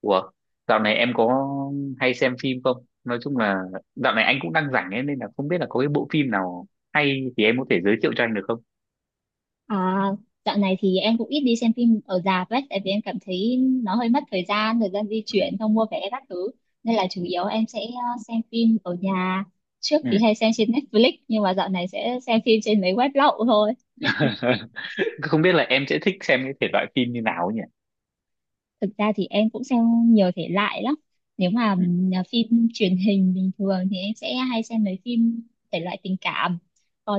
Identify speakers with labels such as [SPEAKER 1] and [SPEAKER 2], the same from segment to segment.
[SPEAKER 1] Ủa, dạo này em có hay xem phim không? Nói chung là dạo này anh cũng đang rảnh ấy, nên là không biết là có cái bộ phim nào hay thì em có thể giới thiệu cho anh được không?
[SPEAKER 2] À, dạo này thì em cũng ít đi xem phim ở rạp ấy, tại vì em cảm thấy nó hơi mất thời gian di
[SPEAKER 1] Ừ.
[SPEAKER 2] chuyển, không mua vé các thứ. Nên là chủ yếu em sẽ xem phim ở nhà. Trước
[SPEAKER 1] Ừ.
[SPEAKER 2] thì hay xem trên Netflix, nhưng mà dạo này sẽ xem phim trên mấy web lậu thôi.
[SPEAKER 1] Không biết là em sẽ thích xem cái thể loại phim như nào ấy nhỉ?
[SPEAKER 2] Thực ra thì em cũng xem nhiều thể loại lắm. Nếu mà
[SPEAKER 1] Ừ.
[SPEAKER 2] là phim truyền hình bình thường thì em sẽ hay xem mấy phim thể loại tình cảm,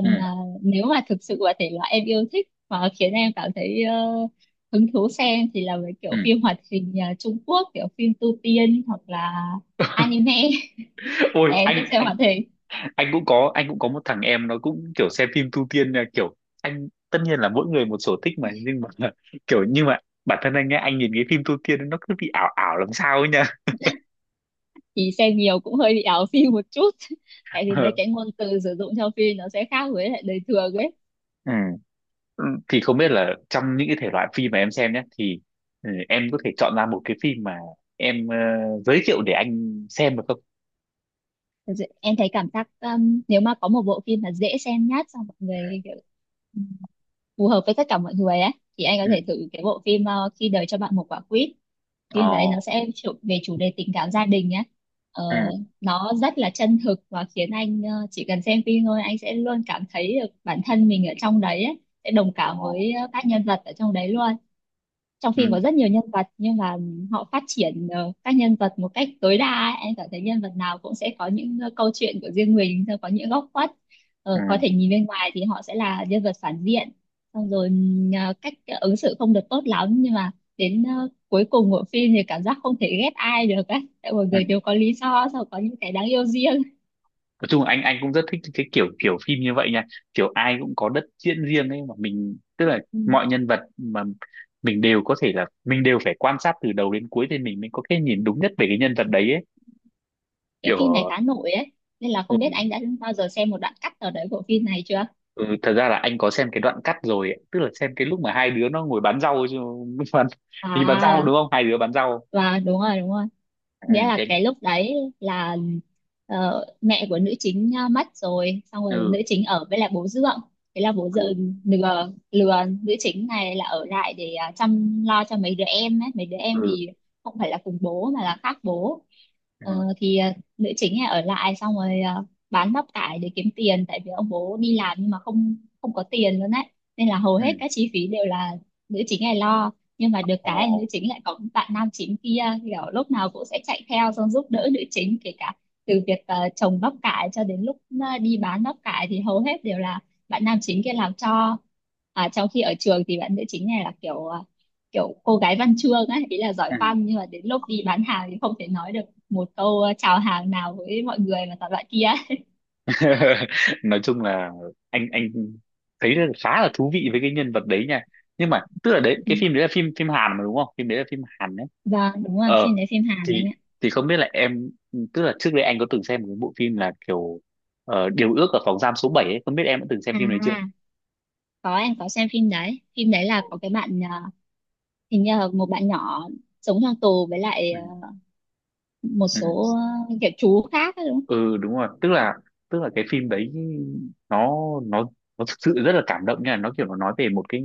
[SPEAKER 1] Ừ.
[SPEAKER 2] nếu mà thực sự là thể loại em yêu thích mà khiến em cảm thấy hứng thú xem thì là mấy
[SPEAKER 1] Ừ.
[SPEAKER 2] kiểu phim hoạt hình à, Trung Quốc kiểu phim tu tiên hoặc là anime.
[SPEAKER 1] Ôi
[SPEAKER 2] Em
[SPEAKER 1] anh
[SPEAKER 2] thích xem
[SPEAKER 1] anh
[SPEAKER 2] hoạt hình
[SPEAKER 1] anh cũng có anh cũng có một thằng em nó cũng kiểu xem phim tu tiên nha, kiểu anh tất nhiên là mỗi người một sở thích mà nhưng mà kiểu nhưng mà bản thân anh ấy anh nhìn cái phim tu tiên nó cứ bị ảo ảo làm sao ấy nha.
[SPEAKER 2] thì xem nhiều cũng hơi bị ảo phim một chút. Tại vì mấy cái ngôn từ sử dụng trong phim nó sẽ khác với lại đời thường ấy.
[SPEAKER 1] Ừ. Thì không biết là trong những cái thể loại phim mà em xem nhé thì ừ, em có thể chọn ra một cái phim mà em giới thiệu để anh xem được không.
[SPEAKER 2] Thật sự em thấy cảm giác nếu mà có một bộ phim mà dễ xem nhất xong mọi người kiểu phù hợp với tất cả mọi người ấy thì anh có
[SPEAKER 1] Ừ.
[SPEAKER 2] thể thử cái bộ phim Khi đời cho bạn một quả quýt. Phim đấy
[SPEAKER 1] Ờ.
[SPEAKER 2] nó sẽ về chủ đề tình cảm gia đình nhé. ờ,
[SPEAKER 1] Ừ.
[SPEAKER 2] nó rất là chân thực và khiến anh chỉ cần xem phim thôi anh sẽ luôn cảm thấy được bản thân mình ở trong đấy ấy, sẽ đồng
[SPEAKER 1] Ờ.
[SPEAKER 2] cảm với các nhân vật ở trong đấy luôn. Trong
[SPEAKER 1] Ừ.
[SPEAKER 2] phim có rất nhiều nhân vật nhưng mà họ phát triển các nhân vật một cách tối đa ấy. Em cảm thấy nhân vật nào cũng sẽ có những câu chuyện của riêng mình, rồi có những góc khuất. Ờ, có thể
[SPEAKER 1] Ừ.
[SPEAKER 2] nhìn bên ngoài thì họ sẽ là nhân vật phản diện, xong rồi cách ứng xử không được tốt lắm, nhưng mà đến cuối cùng của phim thì cảm giác không thể ghét ai được ấy, tại mọi
[SPEAKER 1] Ừ.
[SPEAKER 2] người đều có lý do, sau có những cái đáng yêu riêng.
[SPEAKER 1] Nói chung là anh cũng rất thích cái kiểu kiểu phim như vậy nha, kiểu ai cũng có đất diễn riêng ấy mà mình tức là
[SPEAKER 2] Ừ.
[SPEAKER 1] mọi nhân vật mà mình đều có thể là mình đều phải quan sát từ đầu đến cuối thì mình mới có cái nhìn đúng nhất về cái nhân vật đấy ấy,
[SPEAKER 2] Cái
[SPEAKER 1] kiểu.
[SPEAKER 2] phim này khá nổi ấy, nên là không biết anh đã bao giờ xem một đoạn cắt nào đấy của phim này chưa.
[SPEAKER 1] Ừ, thật ra là anh có xem cái đoạn cắt rồi ấy. Tức là xem cái lúc mà hai đứa nó ngồi bán rau chứ, bán, thì bán rau
[SPEAKER 2] À,
[SPEAKER 1] đúng không, hai đứa bán rau.
[SPEAKER 2] và đúng rồi, đúng rồi,
[SPEAKER 1] Ừ.
[SPEAKER 2] nghĩa là
[SPEAKER 1] Thế anh-.
[SPEAKER 2] cái lúc đấy là mẹ của nữ chính mất rồi, xong rồi nữ
[SPEAKER 1] Ừ.
[SPEAKER 2] chính ở với lại bố dượng. Thế là bố
[SPEAKER 1] Ừ.
[SPEAKER 2] dượng lừa lừa nữ chính này là ở lại để chăm lo cho mấy đứa em ấy. Mấy đứa em
[SPEAKER 1] Ừ.
[SPEAKER 2] thì không phải là cùng bố mà là khác bố. Ờ,
[SPEAKER 1] Ừ.
[SPEAKER 2] thì ờ, nữ chính này ở lại, xong rồi bán bắp cải để kiếm tiền, tại vì ông bố đi làm nhưng mà không không có tiền luôn đấy, nên là hầu
[SPEAKER 1] Ừ.
[SPEAKER 2] hết các chi phí đều là nữ chính này lo. Nhưng mà được
[SPEAKER 1] Ồ.
[SPEAKER 2] cái nữ chính lại có bạn nam chính kia kiểu lúc nào cũng sẽ chạy theo xong giúp đỡ nữ chính, kể cả từ việc trồng bắp cải cho đến lúc đi bán bắp cải thì hầu hết đều là bạn nam chính kia làm cho. À, trong khi ở trường thì bạn nữ chính này là kiểu kiểu cô gái văn chương ấy, ý là giỏi
[SPEAKER 1] Ừ.
[SPEAKER 2] văn, nhưng mà đến lúc đi bán hàng thì không thể nói được một câu chào hàng nào với mọi người mà toàn loại kia.
[SPEAKER 1] Nói chung là anh thấy là khá là thú vị với cái nhân vật đấy nha, nhưng mà tức là đấy,
[SPEAKER 2] Ừ.
[SPEAKER 1] cái phim đấy là phim phim Hàn mà đúng không, phim đấy là phim Hàn đấy.
[SPEAKER 2] Vâng, đúng rồi, phim
[SPEAKER 1] Ờ,
[SPEAKER 2] đấy phim Hàn
[SPEAKER 1] thì
[SPEAKER 2] anh ạ.
[SPEAKER 1] không biết là em, tức là trước đây anh có từng xem một cái bộ phim là kiểu Điều ước ở phòng giam số bảy ấy không, biết em đã từng xem phim đấy chưa.
[SPEAKER 2] À, có, em có xem phim đấy. Phim đấy là có cái bạn hình như là một bạn nhỏ sống trong tù với lại
[SPEAKER 1] Ừ.
[SPEAKER 2] một
[SPEAKER 1] Ừ.
[SPEAKER 2] số kiểu chú khác ấy, đúng không?
[SPEAKER 1] Ừ, đúng rồi, tức là cái phim đấy nó nó nó thực sự rất là cảm động nha, nó kiểu nó nói về một cái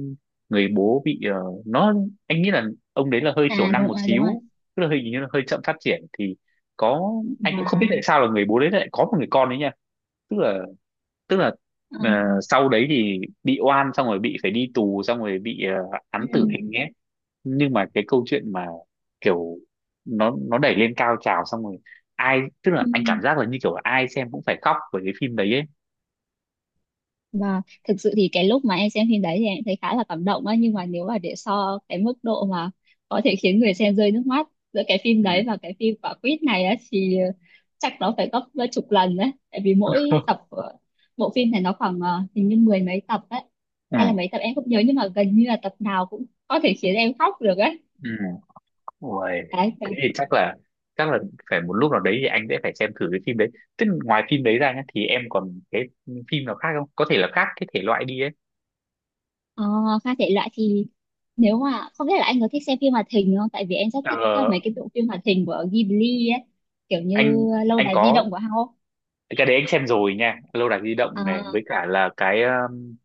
[SPEAKER 1] người bố bị nó anh nghĩ là ông đấy là hơi thiểu
[SPEAKER 2] À
[SPEAKER 1] năng
[SPEAKER 2] đúng
[SPEAKER 1] một
[SPEAKER 2] rồi, đúng rồi.
[SPEAKER 1] xíu, tức là hình như là hơi chậm phát triển thì có, anh cũng không biết
[SPEAKER 2] Và
[SPEAKER 1] tại sao là người bố đấy lại có một người con đấy nha. Tức là tức là ờ,
[SPEAKER 2] ừm,
[SPEAKER 1] sau đấy thì bị oan xong rồi bị phải đi tù xong rồi bị án tử
[SPEAKER 2] ừm,
[SPEAKER 1] hình nhé. Nhưng mà cái câu chuyện mà kiểu nó đẩy lên cao trào xong rồi ai, tức là anh
[SPEAKER 2] ừm.
[SPEAKER 1] cảm giác là như kiểu ai xem cũng phải khóc với cái phim đấy ấy.
[SPEAKER 2] Và thực sự thì cái lúc mà em xem phim đấy thì em thấy khá là cảm động á, nhưng mà nếu mà để so cái mức độ mà có thể khiến người xem rơi nước mắt giữa cái phim
[SPEAKER 1] Ừ.
[SPEAKER 2] đấy và cái phim quả quýt này á thì chắc nó phải gấp chục lần đấy, tại vì mỗi tập của bộ phim này nó khoảng hình như mười mấy tập đấy,
[SPEAKER 1] Ừ.
[SPEAKER 2] hay là mấy tập em không nhớ, nhưng mà gần như là tập nào cũng có thể khiến em khóc được á.
[SPEAKER 1] Ừ. Ôi,
[SPEAKER 2] Đấy, kiểu,
[SPEAKER 1] thế thì chắc là chắc là phải một lúc nào đấy thì anh sẽ phải xem thử cái phim đấy. Tức là ngoài phim đấy ra nhá, thì em còn cái phim nào khác không, có thể là khác cái thể loại đi ấy.
[SPEAKER 2] ờ, pha thể loại thì nếu mà không biết là anh có thích xem phim hoạt hình không? Tại vì em rất thích
[SPEAKER 1] Ờ,
[SPEAKER 2] mấy cái bộ phim hoạt hình của Ghibli ấy, kiểu
[SPEAKER 1] anh
[SPEAKER 2] như Lâu
[SPEAKER 1] anh
[SPEAKER 2] đài di động
[SPEAKER 1] có,
[SPEAKER 2] của Hao,
[SPEAKER 1] cái đấy anh xem rồi nha, lâu đài di động này
[SPEAKER 2] à,
[SPEAKER 1] với cả là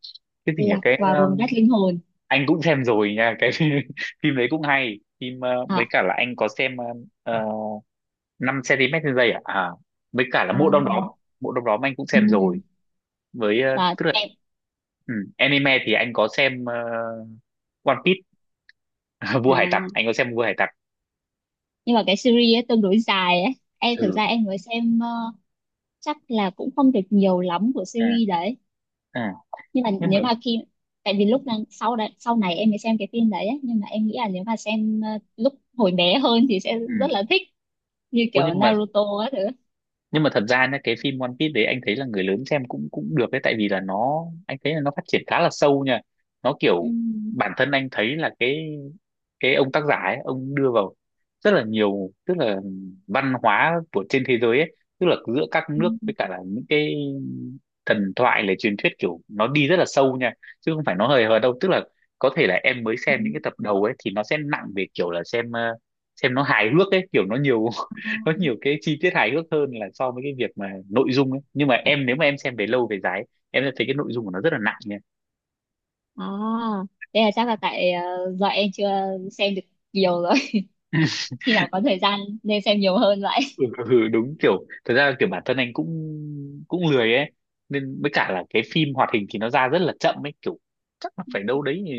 [SPEAKER 1] cái gì nhỉ,
[SPEAKER 2] Lạc
[SPEAKER 1] cái
[SPEAKER 2] vào vùng đất linh hồn.
[SPEAKER 1] anh cũng xem rồi nha, cái phim phim đấy cũng hay, phim ờ, với
[SPEAKER 2] À,
[SPEAKER 1] cả là anh có xem uh, 5 cm trên giây à? À, với cả là
[SPEAKER 2] à,
[SPEAKER 1] Mộ Đom Đóm, Mộ Đom Đóm anh cũng xem rồi.
[SPEAKER 2] ừ,
[SPEAKER 1] Với ờ,
[SPEAKER 2] và
[SPEAKER 1] tức là
[SPEAKER 2] em
[SPEAKER 1] ừ, anime thì anh có xem One Piece,
[SPEAKER 2] à,
[SPEAKER 1] Vua Hải Tặc, anh có xem Vua Hải Tặc.
[SPEAKER 2] nhưng mà cái series ấy tương đối dài ấy. Em thực
[SPEAKER 1] Ừ.
[SPEAKER 2] ra em mới xem chắc là cũng không được nhiều lắm của
[SPEAKER 1] À.
[SPEAKER 2] series đấy.
[SPEAKER 1] À.
[SPEAKER 2] Nhưng mà
[SPEAKER 1] Nhưng mà
[SPEAKER 2] nếu mà khi, tại vì lúc đang sau đấy sau này em mới xem cái phim đấy ấy, nhưng mà em nghĩ là nếu mà xem lúc hồi bé hơn thì sẽ
[SPEAKER 1] ừ.
[SPEAKER 2] rất là thích, như
[SPEAKER 1] Ủa,
[SPEAKER 2] kiểu
[SPEAKER 1] nhưng mà
[SPEAKER 2] Naruto á thứ.
[SPEAKER 1] thật ra nhá, cái phim One Piece đấy anh thấy là người lớn xem cũng cũng được đấy, tại vì là nó, anh thấy là nó phát triển khá là sâu nha, nó
[SPEAKER 2] Ừ.
[SPEAKER 1] kiểu bản thân anh thấy là cái ông tác giả ấy, ông đưa vào rất là nhiều, tức là văn hóa của trên thế giới ấy, tức là giữa các
[SPEAKER 2] Ừ,
[SPEAKER 1] nước với cả là những cái thần thoại là truyền thuyết, kiểu nó đi rất là sâu nha, chứ không phải nó hời hợt đâu, tức là có thể là em mới
[SPEAKER 2] ừ.
[SPEAKER 1] xem những cái tập đầu ấy thì nó sẽ nặng về kiểu là xem xem nó hài hước ấy, kiểu nó nhiều
[SPEAKER 2] Ờ.
[SPEAKER 1] nó nhiều cái chi tiết hài hước hơn là so với cái việc mà nội dung ấy, nhưng mà em, nếu mà em xem về lâu về dài ấy, em sẽ thấy cái nội dung của nó rất là nặng nha.
[SPEAKER 2] À, thế là chắc là tại do em chưa xem được nhiều rồi. Khi nào có thời gian nên xem nhiều hơn vậy.
[SPEAKER 1] Ừ, ừ, đúng, kiểu thật ra kiểu bản thân anh cũng cũng lười ấy, nên với cả là cái phim hoạt hình thì nó ra rất là chậm ấy, kiểu chắc là phải đâu đấy ừ,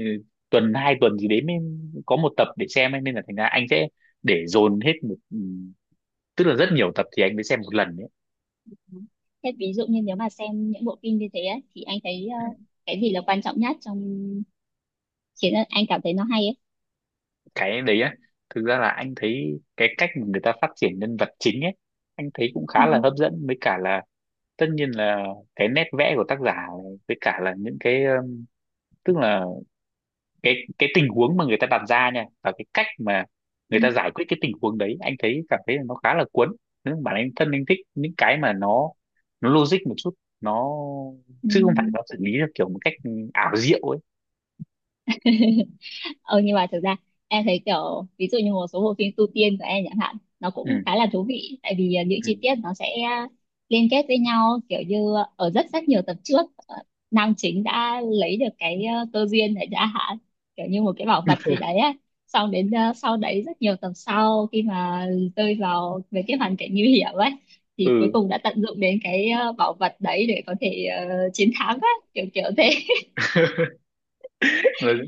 [SPEAKER 1] tuần hai tuần gì đấy mới có một tập để xem ấy. Nên là thành ra anh sẽ để dồn hết một ừ, tức là rất nhiều tập thì anh mới xem một lần ấy.
[SPEAKER 2] Thế ví dụ như nếu mà xem những bộ phim như thế ấy, thì anh thấy cái gì là quan trọng nhất trong khiến anh cảm thấy nó hay ấy?
[SPEAKER 1] Cái đấy á, thực ra là anh thấy cái cách mà người ta phát triển nhân vật chính ấy, anh thấy cũng
[SPEAKER 2] Ừ.
[SPEAKER 1] khá là hấp dẫn với cả là tất nhiên là cái nét vẽ của tác giả này, với cả là những cái tức là cái tình huống mà người ta đặt ra nha và cái cách mà
[SPEAKER 2] Ừ.
[SPEAKER 1] người ta giải quyết cái tình huống đấy, anh thấy cảm thấy là nó khá là cuốn. Nếu mà bản thân anh thích những cái mà nó logic một chút, nó
[SPEAKER 2] Ừ.
[SPEAKER 1] chứ không phải nó xử lý theo kiểu một cách ảo diệu ấy.
[SPEAKER 2] Ờ, nhưng mà thực ra em thấy kiểu ví dụ như một số bộ phim tu tiên của em chẳng hạn nó
[SPEAKER 1] Ừ.
[SPEAKER 2] cũng khá là thú vị, tại vì những
[SPEAKER 1] Ừ.
[SPEAKER 2] chi tiết nó sẽ liên kết với nhau, kiểu như ở rất rất nhiều tập trước nam chính đã lấy được cái cơ duyên để đã hạn, kiểu như một cái bảo vật gì đấy á, xong đến sau đấy rất nhiều tập sau, khi mà rơi vào về cái hoàn cảnh nguy hiểm ấy thì cuối
[SPEAKER 1] Ừ.
[SPEAKER 2] cùng đã tận dụng đến cái bảo vật đấy để có thể chiến thắng á, kiểu kiểu thế.
[SPEAKER 1] nói,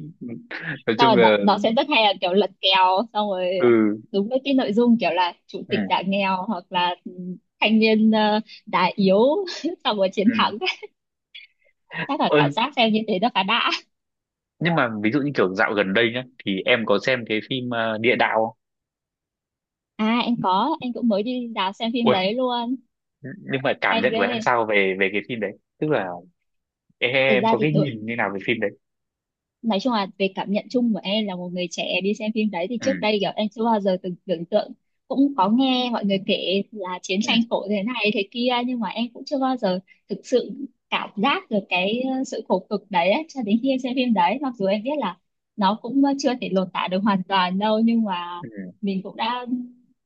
[SPEAKER 1] nói
[SPEAKER 2] Sao
[SPEAKER 1] chung
[SPEAKER 2] rồi
[SPEAKER 1] là.
[SPEAKER 2] nó sẽ rất hay là kiểu lật kèo, xong rồi
[SPEAKER 1] Ừ.
[SPEAKER 2] đúng với cái nội dung kiểu là chủ
[SPEAKER 1] Ừ.
[SPEAKER 2] tịch giảm nghèo hoặc là ừ, thanh niên đá yếu xong rồi chiến
[SPEAKER 1] Ừ.
[SPEAKER 2] thắng. Chắc là
[SPEAKER 1] Ơ,
[SPEAKER 2] cảm giác xem như thế nó khá đã.
[SPEAKER 1] nhưng mà ví dụ như kiểu dạo gần đây nhá thì em có xem cái phim Địa Đạo không?
[SPEAKER 2] À em có, em cũng mới đi rạp xem phim
[SPEAKER 1] Ui,
[SPEAKER 2] đấy luôn.
[SPEAKER 1] nhưng mà cảm
[SPEAKER 2] Hay
[SPEAKER 1] nhận của em
[SPEAKER 2] ghê.
[SPEAKER 1] sao về về cái phim đấy? Tức là
[SPEAKER 2] Thực
[SPEAKER 1] em
[SPEAKER 2] ra
[SPEAKER 1] có
[SPEAKER 2] thì
[SPEAKER 1] cái
[SPEAKER 2] ừ,
[SPEAKER 1] nhìn như nào về phim đấy?
[SPEAKER 2] nói chung là về cảm nhận chung của em là một người trẻ đi xem phim đấy thì trước
[SPEAKER 1] Ừ.
[SPEAKER 2] đây kiểu em chưa bao giờ từng tưởng tượng, cũng có nghe mọi người kể là chiến
[SPEAKER 1] Ừ.
[SPEAKER 2] tranh khổ thế này thế kia nhưng mà em cũng chưa bao giờ thực sự cảm giác được cái sự khổ cực đấy ấy, cho đến khi em xem phim đấy. Mặc dù em biết là nó cũng chưa thể lột tả được hoàn toàn đâu nhưng mà
[SPEAKER 1] Ừ.
[SPEAKER 2] mình cũng đã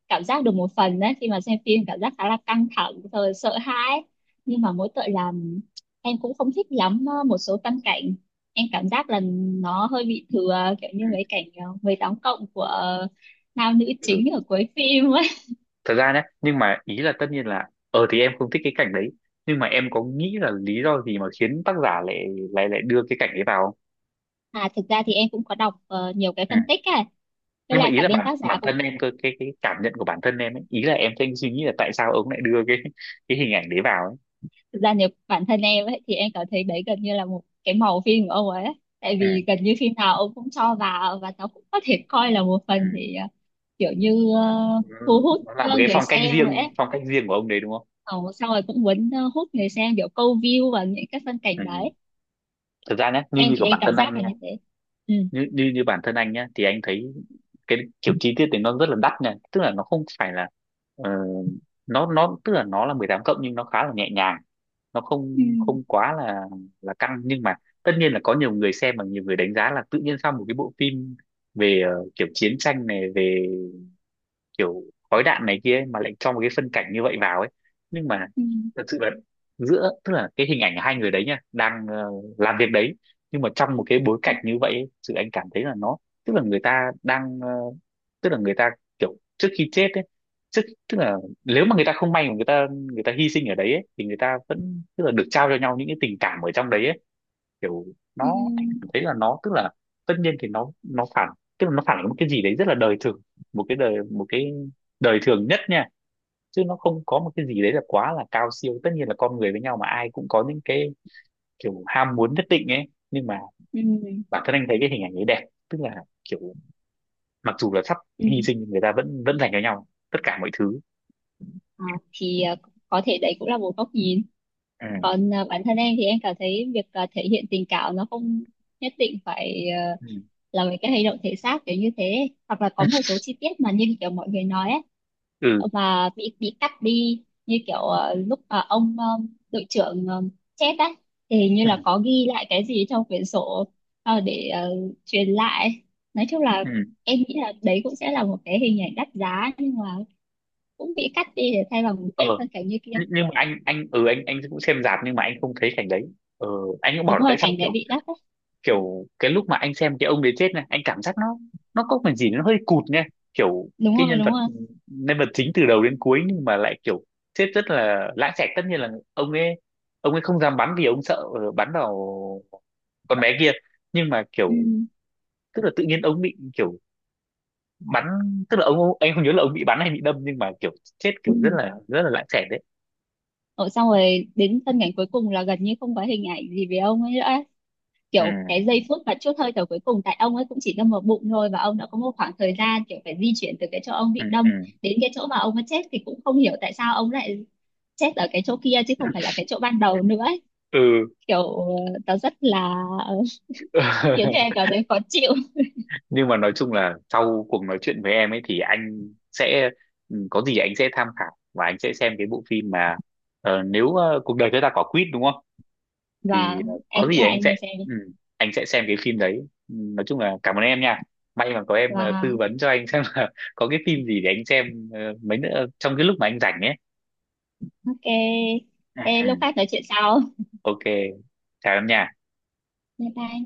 [SPEAKER 2] cảm giác được một phần đấy. Khi mà xem phim cảm giác khá là căng thẳng rồi sợ hãi, nhưng mà mỗi tội là em cũng không thích lắm một số phân cảnh, em cảm giác là nó hơi bị thừa, kiểu như
[SPEAKER 1] Ừ.
[SPEAKER 2] mấy cảnh 18 cộng của nam nữ
[SPEAKER 1] Ừ.
[SPEAKER 2] chính ở cuối phim ấy.
[SPEAKER 1] Thật ra nhé, nhưng mà ý là tất nhiên là ờ thì em không thích cái cảnh đấy, nhưng mà em có nghĩ là lý do gì mà khiến tác giả lại lại lại đưa cái cảnh ấy vào không.
[SPEAKER 2] À thực ra thì em cũng có đọc nhiều cái
[SPEAKER 1] Ừ.
[SPEAKER 2] phân tích ấy với
[SPEAKER 1] Nhưng mà
[SPEAKER 2] lại
[SPEAKER 1] ý
[SPEAKER 2] cả
[SPEAKER 1] là
[SPEAKER 2] bên
[SPEAKER 1] bản
[SPEAKER 2] tác giả
[SPEAKER 1] bản
[SPEAKER 2] cũng.
[SPEAKER 1] thân em cơ, cái cảm nhận của bản thân em ấy, ý là em đang suy nghĩ là tại sao ông lại đưa cái cái hình ảnh đấy vào ấy.
[SPEAKER 2] Thực ra nếu bản thân em ấy thì em cảm thấy đấy gần như là một cái màu phim của ông ấy ấy. Tại
[SPEAKER 1] Ừ.
[SPEAKER 2] vì gần như phim nào ông cũng cho vào và nó cũng có thể coi là một
[SPEAKER 1] Ừ.
[SPEAKER 2] phần thì kiểu như
[SPEAKER 1] Ừ.
[SPEAKER 2] thu hút
[SPEAKER 1] Nó là một cái
[SPEAKER 2] người xem vậy ấy.
[SPEAKER 1] phong cách riêng của ông đấy đúng không.
[SPEAKER 2] Ờ, xong rồi cũng muốn hút người xem kiểu câu view và những cái phân cảnh
[SPEAKER 1] Ừ.
[SPEAKER 2] đấy.
[SPEAKER 1] Thật ra nhé, như
[SPEAKER 2] Em
[SPEAKER 1] như
[SPEAKER 2] thì
[SPEAKER 1] của
[SPEAKER 2] em
[SPEAKER 1] bản
[SPEAKER 2] cảm
[SPEAKER 1] thân anh
[SPEAKER 2] giác là
[SPEAKER 1] nha,
[SPEAKER 2] như thế. Ừ,
[SPEAKER 1] như như như bản thân anh nhá thì anh thấy cái kiểu chi tiết thì nó rất là đắt nha, tức là nó không phải là ờ, nó tức là nó là 18 cộng nhưng nó khá là nhẹ nhàng, nó
[SPEAKER 2] ừ,
[SPEAKER 1] không không quá là căng, nhưng mà tất nhiên là có nhiều người xem và nhiều người đánh giá là tự nhiên sao một cái bộ phim về kiểu chiến tranh này về kiểu khói đạn này kia ấy, mà lại cho một cái phân cảnh như vậy vào ấy. Nhưng mà
[SPEAKER 2] ừ,
[SPEAKER 1] thật sự là giữa tức là cái hình ảnh hai người đấy nha đang làm việc đấy, nhưng mà trong một cái bối cảnh như vậy ấy, sự anh cảm thấy là nó tức là người ta đang tức là người ta kiểu trước khi chết ấy trước, tức là nếu mà người ta không may mà người ta hy sinh ở đấy ấy, thì người ta vẫn tức là được trao cho nhau những cái tình cảm ở trong đấy ấy, kiểu nó em cảm
[SPEAKER 2] ừ,
[SPEAKER 1] thấy là nó tức là tất nhiên thì nó phản, tức là nó phản ánh một cái gì đấy rất là đời thường, một cái đời thường nhất nha, chứ nó không có một cái gì đấy là quá là cao siêu, tất nhiên là con người với nhau mà ai cũng có những cái kiểu ham muốn nhất định ấy, nhưng mà
[SPEAKER 2] ừ,
[SPEAKER 1] bản thân anh thấy cái hình ảnh ấy đẹp, tức là kiểu mặc dù là sắp
[SPEAKER 2] ừ.
[SPEAKER 1] hy sinh, người ta vẫn vẫn dành cho nhau tất cả mọi thứ.
[SPEAKER 2] Ờ, thì có thể đấy cũng là một góc nhìn,
[SPEAKER 1] Ừ.
[SPEAKER 2] còn bản thân em thì em cảm thấy việc thể hiện tình cảm nó không nhất định phải
[SPEAKER 1] Ừ.
[SPEAKER 2] là với cái hành động thể xác kiểu như thế, hoặc là có một số chi tiết mà như kiểu mọi người nói ấy,
[SPEAKER 1] Ừ.
[SPEAKER 2] và bị cắt đi, như kiểu lúc mà ông đội trưởng chết á thì hình như là
[SPEAKER 1] Ừ,
[SPEAKER 2] có ghi lại cái gì trong quyển sổ, để truyền lại. Nói chung là
[SPEAKER 1] ừ.
[SPEAKER 2] em nghĩ là đấy cũng sẽ là một cái hình ảnh đắt giá, nhưng mà cũng bị cắt đi để thay bằng một
[SPEAKER 1] Ờ.
[SPEAKER 2] cái phân cảnh như kia.
[SPEAKER 1] Nh- nhưng mà anh ừ anh cũng xem rạp, nhưng mà anh không thấy cảnh đấy. Ờ, anh cũng bảo
[SPEAKER 2] Đúng
[SPEAKER 1] là tại
[SPEAKER 2] rồi,
[SPEAKER 1] sao
[SPEAKER 2] cảnh đấy
[SPEAKER 1] kiểu,
[SPEAKER 2] bị đắt á.
[SPEAKER 1] kiểu cái lúc mà anh xem cái ông đấy chết này, anh cảm giác nó có phần gì nó hơi cụt nha, kiểu
[SPEAKER 2] Đúng
[SPEAKER 1] cái
[SPEAKER 2] rồi, đúng rồi.
[SPEAKER 1] nhân vật chính từ đầu đến cuối nhưng mà lại kiểu chết rất là lãng xẹt, tất nhiên là ông ấy ông ấy không dám bắn vì ông sợ bắn vào con bé kia, nhưng mà
[SPEAKER 2] Ừ,
[SPEAKER 1] kiểu tức là tự nhiên ông bị kiểu bắn, tức là ông anh không nhớ là ông bị bắn hay bị đâm, nhưng mà kiểu chết
[SPEAKER 2] ừ.
[SPEAKER 1] kiểu rất là lãng xẹt đấy.
[SPEAKER 2] Ủa, xong rồi đến phân cảnh cuối cùng là gần như không có hình ảnh gì về ông ấy nữa,
[SPEAKER 1] Ừ.
[SPEAKER 2] kiểu cái giây phút mà chút hơi thở cuối cùng, tại ông ấy cũng chỉ đâm vào bụng thôi và ông đã có một khoảng thời gian kiểu phải di chuyển từ cái chỗ ông
[SPEAKER 1] Ừ.
[SPEAKER 2] bị đâm
[SPEAKER 1] Ừ.
[SPEAKER 2] đến cái chỗ mà ông ấy chết, thì cũng không hiểu tại sao ông lại chết ở cái chỗ kia chứ không phải là cái chỗ ban đầu nữa ấy. Kiểu nó rất là
[SPEAKER 1] Ừ.
[SPEAKER 2] khiến cho em cảm thấy khó chịu.
[SPEAKER 1] Nhưng mà nói chung là sau cuộc nói chuyện với em ấy thì anh sẽ ừ, có gì anh sẽ tham khảo và anh sẽ xem cái bộ phim mà nếu cuộc đời chúng ta có quýt đúng không, thì
[SPEAKER 2] Và
[SPEAKER 1] có
[SPEAKER 2] em nghĩ
[SPEAKER 1] gì
[SPEAKER 2] là
[SPEAKER 1] anh
[SPEAKER 2] anh
[SPEAKER 1] sẽ
[SPEAKER 2] nên xem đi.
[SPEAKER 1] ừ, anh sẽ xem cái phim đấy. Ừ, nói chung là cảm ơn em nha, may mà có em tư
[SPEAKER 2] Và
[SPEAKER 1] vấn cho anh xem là có cái phim gì để anh xem mấy nữa trong cái lúc mà anh rảnh ấy.
[SPEAKER 2] ok.
[SPEAKER 1] Ừ,
[SPEAKER 2] Ê,
[SPEAKER 1] ừ.
[SPEAKER 2] lúc khác nói chuyện sau.
[SPEAKER 1] Ok, chào em nha.
[SPEAKER 2] Bye bye.